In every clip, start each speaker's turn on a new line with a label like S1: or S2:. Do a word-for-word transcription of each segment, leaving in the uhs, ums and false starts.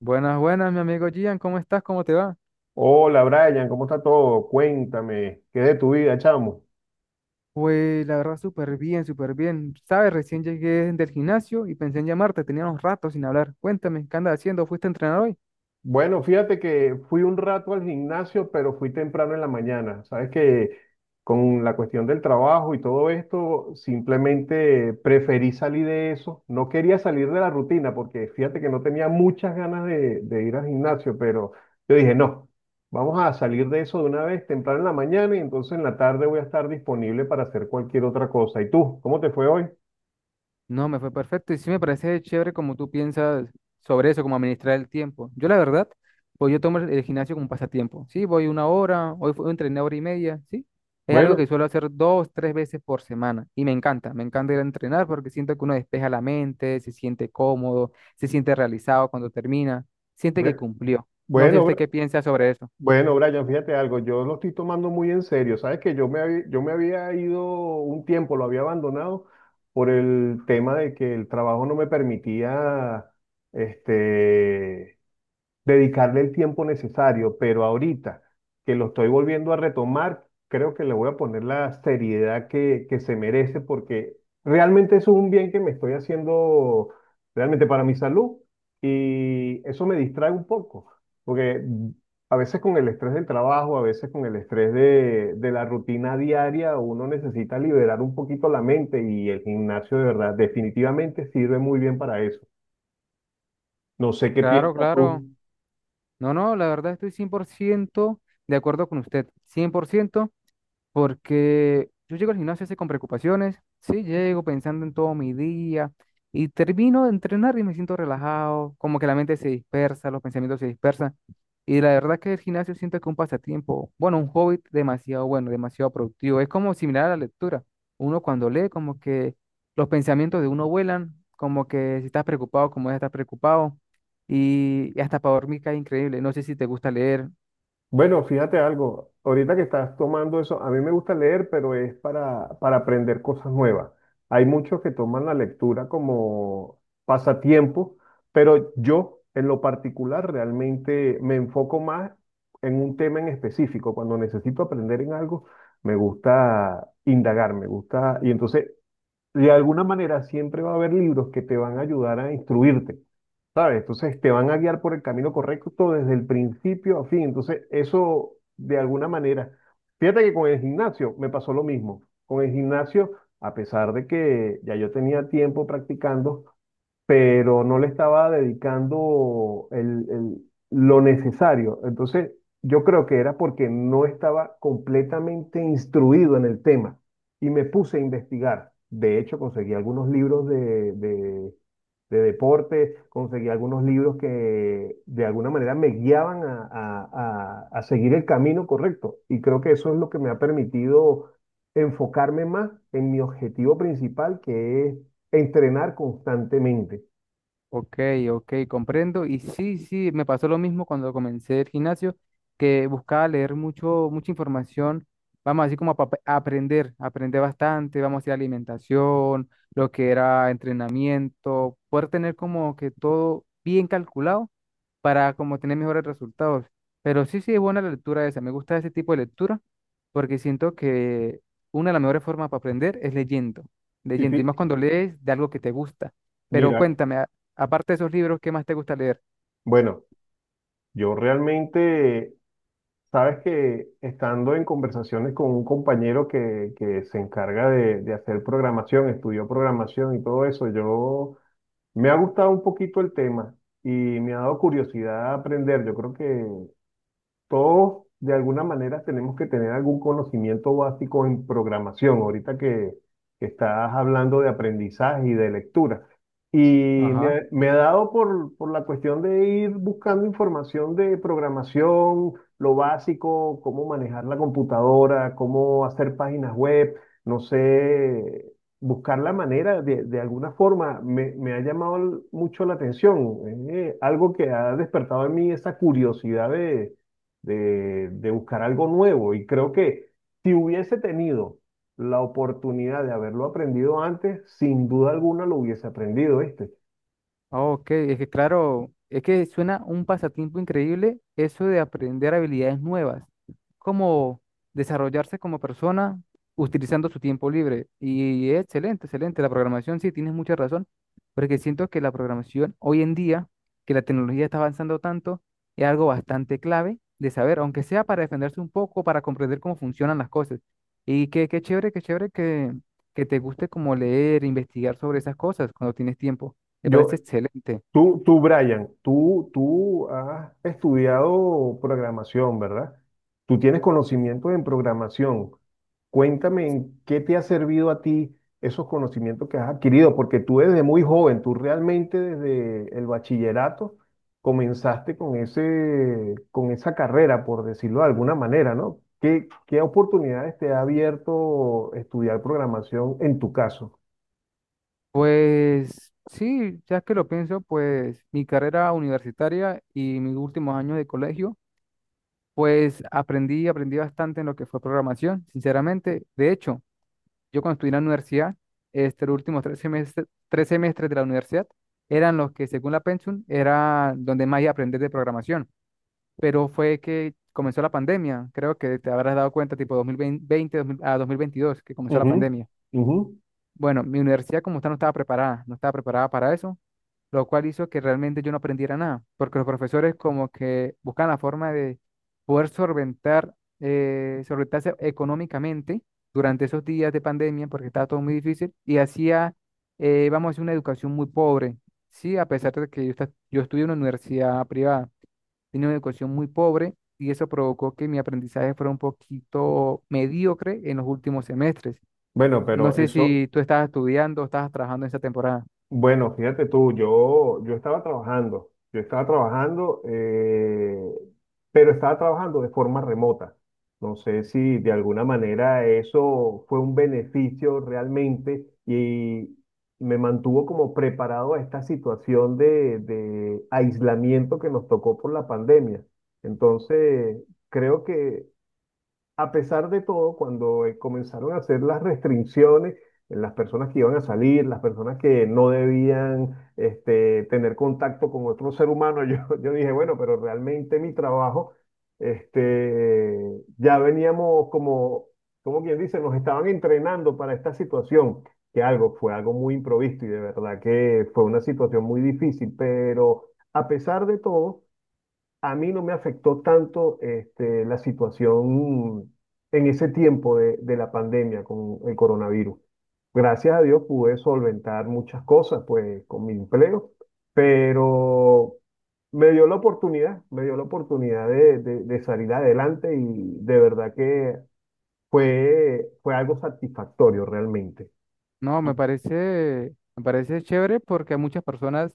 S1: Buenas, buenas, mi amigo Gian, ¿cómo estás? ¿Cómo te va?
S2: Hola Brian, ¿cómo está todo? Cuéntame, ¿qué de tu vida, chamo?
S1: Pues la verdad, súper bien, súper bien. Sabes, recién llegué del gimnasio y pensé en llamarte, teníamos rato sin hablar. Cuéntame, ¿qué andas haciendo? ¿Fuiste a entrenar hoy?
S2: Bueno, fíjate que fui un rato al gimnasio, pero fui temprano en la mañana. Sabes que con la cuestión del trabajo y todo esto, simplemente preferí salir de eso. No quería salir de la rutina porque fíjate que no tenía muchas ganas de, de ir al gimnasio, pero yo dije, no, vamos a salir de eso de una vez temprano en la mañana y entonces en la tarde voy a estar disponible para hacer cualquier otra cosa. ¿Y tú, cómo te fue hoy?
S1: No, me fue perfecto y sí me parece chévere como tú piensas sobre eso, como administrar el tiempo. Yo la verdad, pues yo tomo el el gimnasio como un pasatiempo. Sí, voy una hora. Hoy fue- entrené hora y media, sí. Es algo
S2: Bueno.
S1: que suelo hacer dos, tres veces por semana y me encanta, me encanta ir a entrenar porque siento que uno despeja la mente, se siente cómodo, se siente realizado cuando termina, siente que
S2: bue-
S1: cumplió. No sé
S2: Bueno,
S1: usted
S2: Bra-
S1: qué piensa sobre eso.
S2: bueno, Brian, fíjate algo, yo lo estoy tomando muy en serio. Sabes que yo me había, yo me había ido un tiempo, lo había abandonado por el tema de que el trabajo no me permitía, este, dedicarle el tiempo necesario, pero ahorita que lo estoy volviendo a retomar, creo que le voy a poner la seriedad que, que se merece porque realmente eso es un bien que me estoy haciendo realmente para mi salud y eso me distrae un poco, porque a veces con el estrés del trabajo, a veces con el estrés de, de la rutina diaria, uno necesita liberar un poquito la mente y el gimnasio de verdad definitivamente sirve muy bien para eso. No sé qué
S1: Claro,
S2: piensas tú.
S1: claro. No, no, la verdad estoy cien por ciento de acuerdo con usted, cien por ciento. Porque yo llego al gimnasio así con preocupaciones, sí, llego pensando en todo mi día y termino de entrenar y me siento relajado, como que la mente se dispersa, los pensamientos se dispersan. Y la verdad que el gimnasio siento que es un pasatiempo, bueno, un hobby demasiado bueno, demasiado productivo. Es como similar a la lectura. Uno cuando lee, como que los pensamientos de uno vuelan, como que si estás preocupado, como es estar preocupado. Y, y hasta para dormir cae increíble. No sé si te gusta leer.
S2: Bueno, fíjate algo, ahorita que estás tomando eso, a mí me gusta leer, pero es para, para aprender cosas nuevas. Hay muchos que toman la lectura como pasatiempo, pero yo en lo particular realmente me enfoco más en un tema en específico. Cuando necesito aprender en algo, me gusta indagar, me gusta, y entonces de alguna manera siempre va a haber libros que te van a ayudar a instruirte, ¿sabes? Entonces te van a guiar por el camino correcto desde el principio a fin. Entonces eso de alguna manera, fíjate que con el gimnasio me pasó lo mismo. Con el gimnasio, a pesar de que ya yo tenía tiempo practicando, pero no le estaba dedicando el- el- lo necesario. Entonces, yo creo que era porque no estaba completamente instruido en el tema y me puse a investigar. De hecho, conseguí algunos libros de, de, de deporte, conseguí algunos libros que de alguna manera me guiaban a, a- a- a seguir el camino correcto. Y creo que eso es lo que me ha permitido enfocarme más en mi objetivo principal, que es entrenar constantemente.
S1: Ok, ok, comprendo. Y sí, sí, me pasó lo mismo cuando comencé el gimnasio, que buscaba leer mucho, mucha información, vamos así como a, pa- a aprender, aprender bastante, vamos a decir alimentación, lo que era entrenamiento, poder tener como que todo bien calculado para como tener mejores resultados. Pero sí, sí, es buena la lectura esa, me gusta ese tipo de lectura porque siento que una de las mejores formas para aprender es leyendo,
S2: Y
S1: leyendo, y
S2: fi-
S1: más cuando lees de algo que te gusta. Pero
S2: mira,
S1: cuéntame, aparte de esos libros, ¿qué más te gusta leer?
S2: bueno, yo realmente, sabes que estando en conversaciones con un compañero que, que se encarga de, de hacer programación, estudió programación y todo eso, yo me ha gustado un poquito el tema y me ha dado curiosidad aprender. Yo creo que todos, de alguna manera, tenemos que tener algún conocimiento básico en programación, ahorita que, que estás hablando de aprendizaje y de lectura. Y me,
S1: Ajá.
S2: ha me ha dado por, por la cuestión de ir buscando información de programación, lo básico, cómo manejar la computadora, cómo hacer páginas web, no sé, buscar la manera de, de alguna forma me, me ha llamado mucho la atención. Es algo que ha despertado en mí esa curiosidad de de, de buscar algo nuevo. Y creo que si hubiese tenido la oportunidad de haberlo aprendido antes, sin duda alguna lo hubiese aprendido, este.
S1: Oh, ok, es que claro, es que suena un pasatiempo increíble eso de aprender habilidades nuevas, como desarrollarse como persona utilizando su tiempo libre. Y es excelente, excelente. La programación, sí, tienes mucha razón, porque siento que la programación hoy en día, que la tecnología está avanzando tanto, es algo bastante clave de saber, aunque sea para defenderse un poco, para comprender cómo funcionan las cosas. Y qué, qué chévere, qué chévere que, que te guste como leer, investigar sobre esas cosas cuando tienes tiempo. Me
S2: Yo,
S1: parece excelente.
S2: Tú, tú, Brian, tú, tú has estudiado programación, ¿verdad? Tú tienes conocimientos en programación. Cuéntame en qué te ha servido a ti esos conocimientos que has adquirido, porque tú desde muy joven, tú realmente desde el bachillerato comenzaste con ese, con esa carrera, por decirlo de alguna manera, ¿no? ¿Qué, qué oportunidades te ha abierto estudiar programación en tu caso?
S1: Pues sí, ya que lo pienso, pues mi carrera universitaria y mis últimos años de colegio, pues aprendí, aprendí bastante en lo que fue programación, sinceramente. De hecho, yo cuando estudié en la universidad, este, los últimos tres semestres, tres semestres de la universidad eran los que, según la pensum, era donde más iba a aprender de programación. Pero fue que comenzó la pandemia, creo que te habrás dado cuenta, tipo dos mil veinte dos mil a dos mil veintidós que comenzó la
S2: Ujú,
S1: pandemia.
S2: ujú.
S1: Bueno, mi universidad como tal no estaba preparada, no estaba preparada para eso, lo cual hizo que realmente yo no aprendiera nada, porque los profesores como que buscan la forma de poder solventar, eh, solventarse económicamente durante esos días de pandemia, porque estaba todo muy difícil, y hacía, eh, vamos a decir, una educación muy pobre, sí, a pesar de que yo, esta- yo estudié en una universidad privada, tenía una educación muy pobre, y eso provocó que mi aprendizaje fuera un poquito mediocre en los últimos semestres.
S2: Bueno,
S1: No
S2: pero
S1: sé
S2: eso,
S1: si tú estabas estudiando o estabas trabajando en esa temporada.
S2: bueno, fíjate tú, yo, yo estaba trabajando, yo estaba trabajando, eh, pero estaba trabajando de forma remota. No sé si de alguna manera eso fue un beneficio realmente y me mantuvo como preparado a esta situación de, de aislamiento que nos tocó por la pandemia. Entonces, creo que a pesar de todo, cuando eh, comenzaron a hacer las restricciones, eh, las personas que iban a salir, las personas que no debían este, tener contacto con otro ser humano, yo, yo dije, bueno, pero realmente mi trabajo, este, ya veníamos como, como quien dice, nos estaban entrenando para esta situación, que algo fue algo muy improvisto y de verdad que fue una situación muy difícil, pero a pesar de todo a mí no me afectó tanto este, la situación en ese tiempo de, de la pandemia con el coronavirus. Gracias a Dios pude solventar muchas cosas, pues, con mi empleo, pero me dio la oportunidad, me dio la oportunidad de, de- de salir adelante y de verdad que fue, fue algo satisfactorio realmente.
S1: No, me parece, me parece chévere porque muchas personas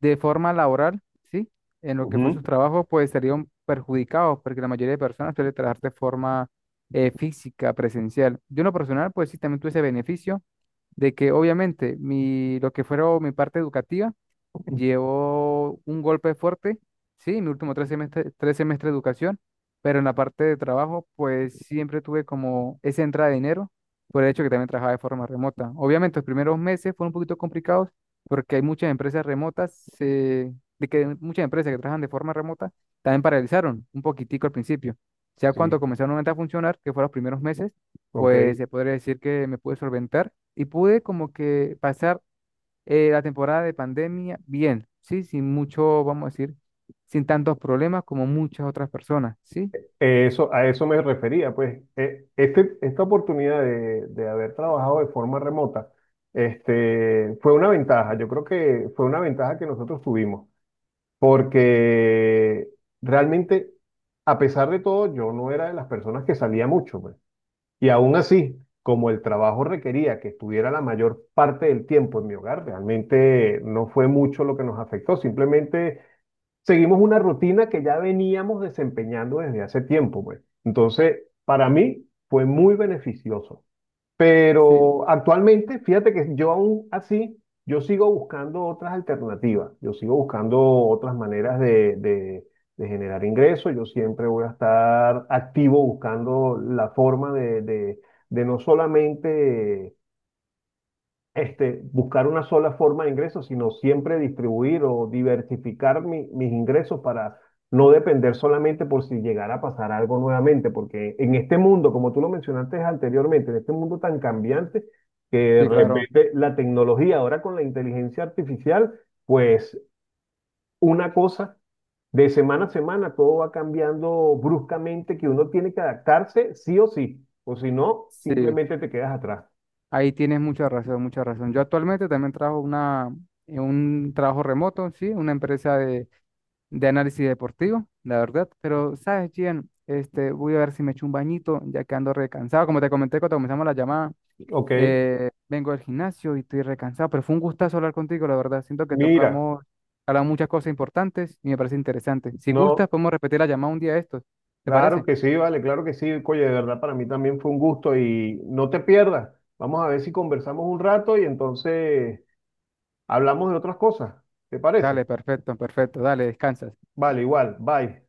S1: de forma laboral, ¿sí? En lo que fue sus
S2: Ujú.
S1: trabajos, pues serían perjudicados porque la mayoría de personas suele trabajar de forma eh, física, presencial. Yo en lo personal, pues sí, también tuve ese beneficio de que obviamente mi, lo que fuera mi parte educativa, llevo un golpe fuerte, sí, mi último tres semestre, tres semestre de educación, pero en la parte de trabajo, pues siempre tuve como esa entrada de dinero por el hecho que también trabajaba de forma remota. Obviamente, los primeros meses fueron un poquito complicados porque hay muchas empresas remotas, eh, de que muchas empresas que trabajan de forma remota también paralizaron un poquitico al principio. Ya
S2: Sí,
S1: cuando comenzaron nuevamente a funcionar, que fueron los primeros meses,
S2: ok.
S1: pues se podría decir que me pude solventar y pude como que pasar eh, la temporada de pandemia, bien, sí, sin mucho, vamos a decir, sin tantos problemas como muchas otras personas. Sí,
S2: Eh, Eso, a eso me refería, pues eh, este, esta oportunidad de, de haber trabajado de forma remota este, fue una ventaja, yo creo que fue una ventaja que nosotros tuvimos, porque realmente, a pesar de todo, yo no era de las personas que salía mucho, pues. Y aún así, como el trabajo requería que estuviera la mayor parte del tiempo en mi hogar, realmente no fue mucho lo que nos afectó, simplemente seguimos una rutina que ya veníamos desempeñando desde hace tiempo, pues. Entonces, para mí fue muy beneficioso.
S1: sí,
S2: Pero actualmente, fíjate que yo aún así, yo sigo buscando otras alternativas, yo sigo buscando otras maneras de, de- de generar ingresos, yo siempre voy a estar activo buscando la forma de, de- de no solamente este, buscar una sola forma de ingresos, sino siempre distribuir o diversificar mi- mis ingresos para no depender solamente por si llegara a pasar algo nuevamente, porque en este mundo, como tú lo mencionaste anteriormente, en este mundo tan cambiante, que de
S1: sí, claro,
S2: repente la tecnología ahora con la inteligencia artificial, pues una cosa... De semana a semana todo va cambiando bruscamente, que uno tiene que adaptarse sí o sí, o si no,
S1: sí,
S2: simplemente te quedas atrás.
S1: ahí tienes mucha razón, mucha razón. Yo actualmente también trabajo una, en un trabajo remoto, sí, una empresa de, de análisis deportivo, la verdad, pero, ¿sabes, Gian? Este, voy a ver si me echo un bañito, ya que ando recansado, como te comenté cuando comenzamos la llamada.
S2: Ok,
S1: Eh, vengo del gimnasio y estoy recansado, pero fue un gustazo hablar contigo, la verdad. Siento que
S2: mira,
S1: tocamos, hablamos muchas cosas importantes y me parece interesante. Si gustas,
S2: no,
S1: podemos repetir la llamada un día de estos. ¿Te
S2: claro
S1: parece?
S2: que sí, vale, claro que sí. Oye, de verdad, para mí también fue un gusto y no te pierdas. Vamos a ver si conversamos un rato y entonces hablamos de otras cosas. ¿Te parece?
S1: Dale, perfecto, perfecto. Dale, descansas.
S2: Vale, igual. Bye.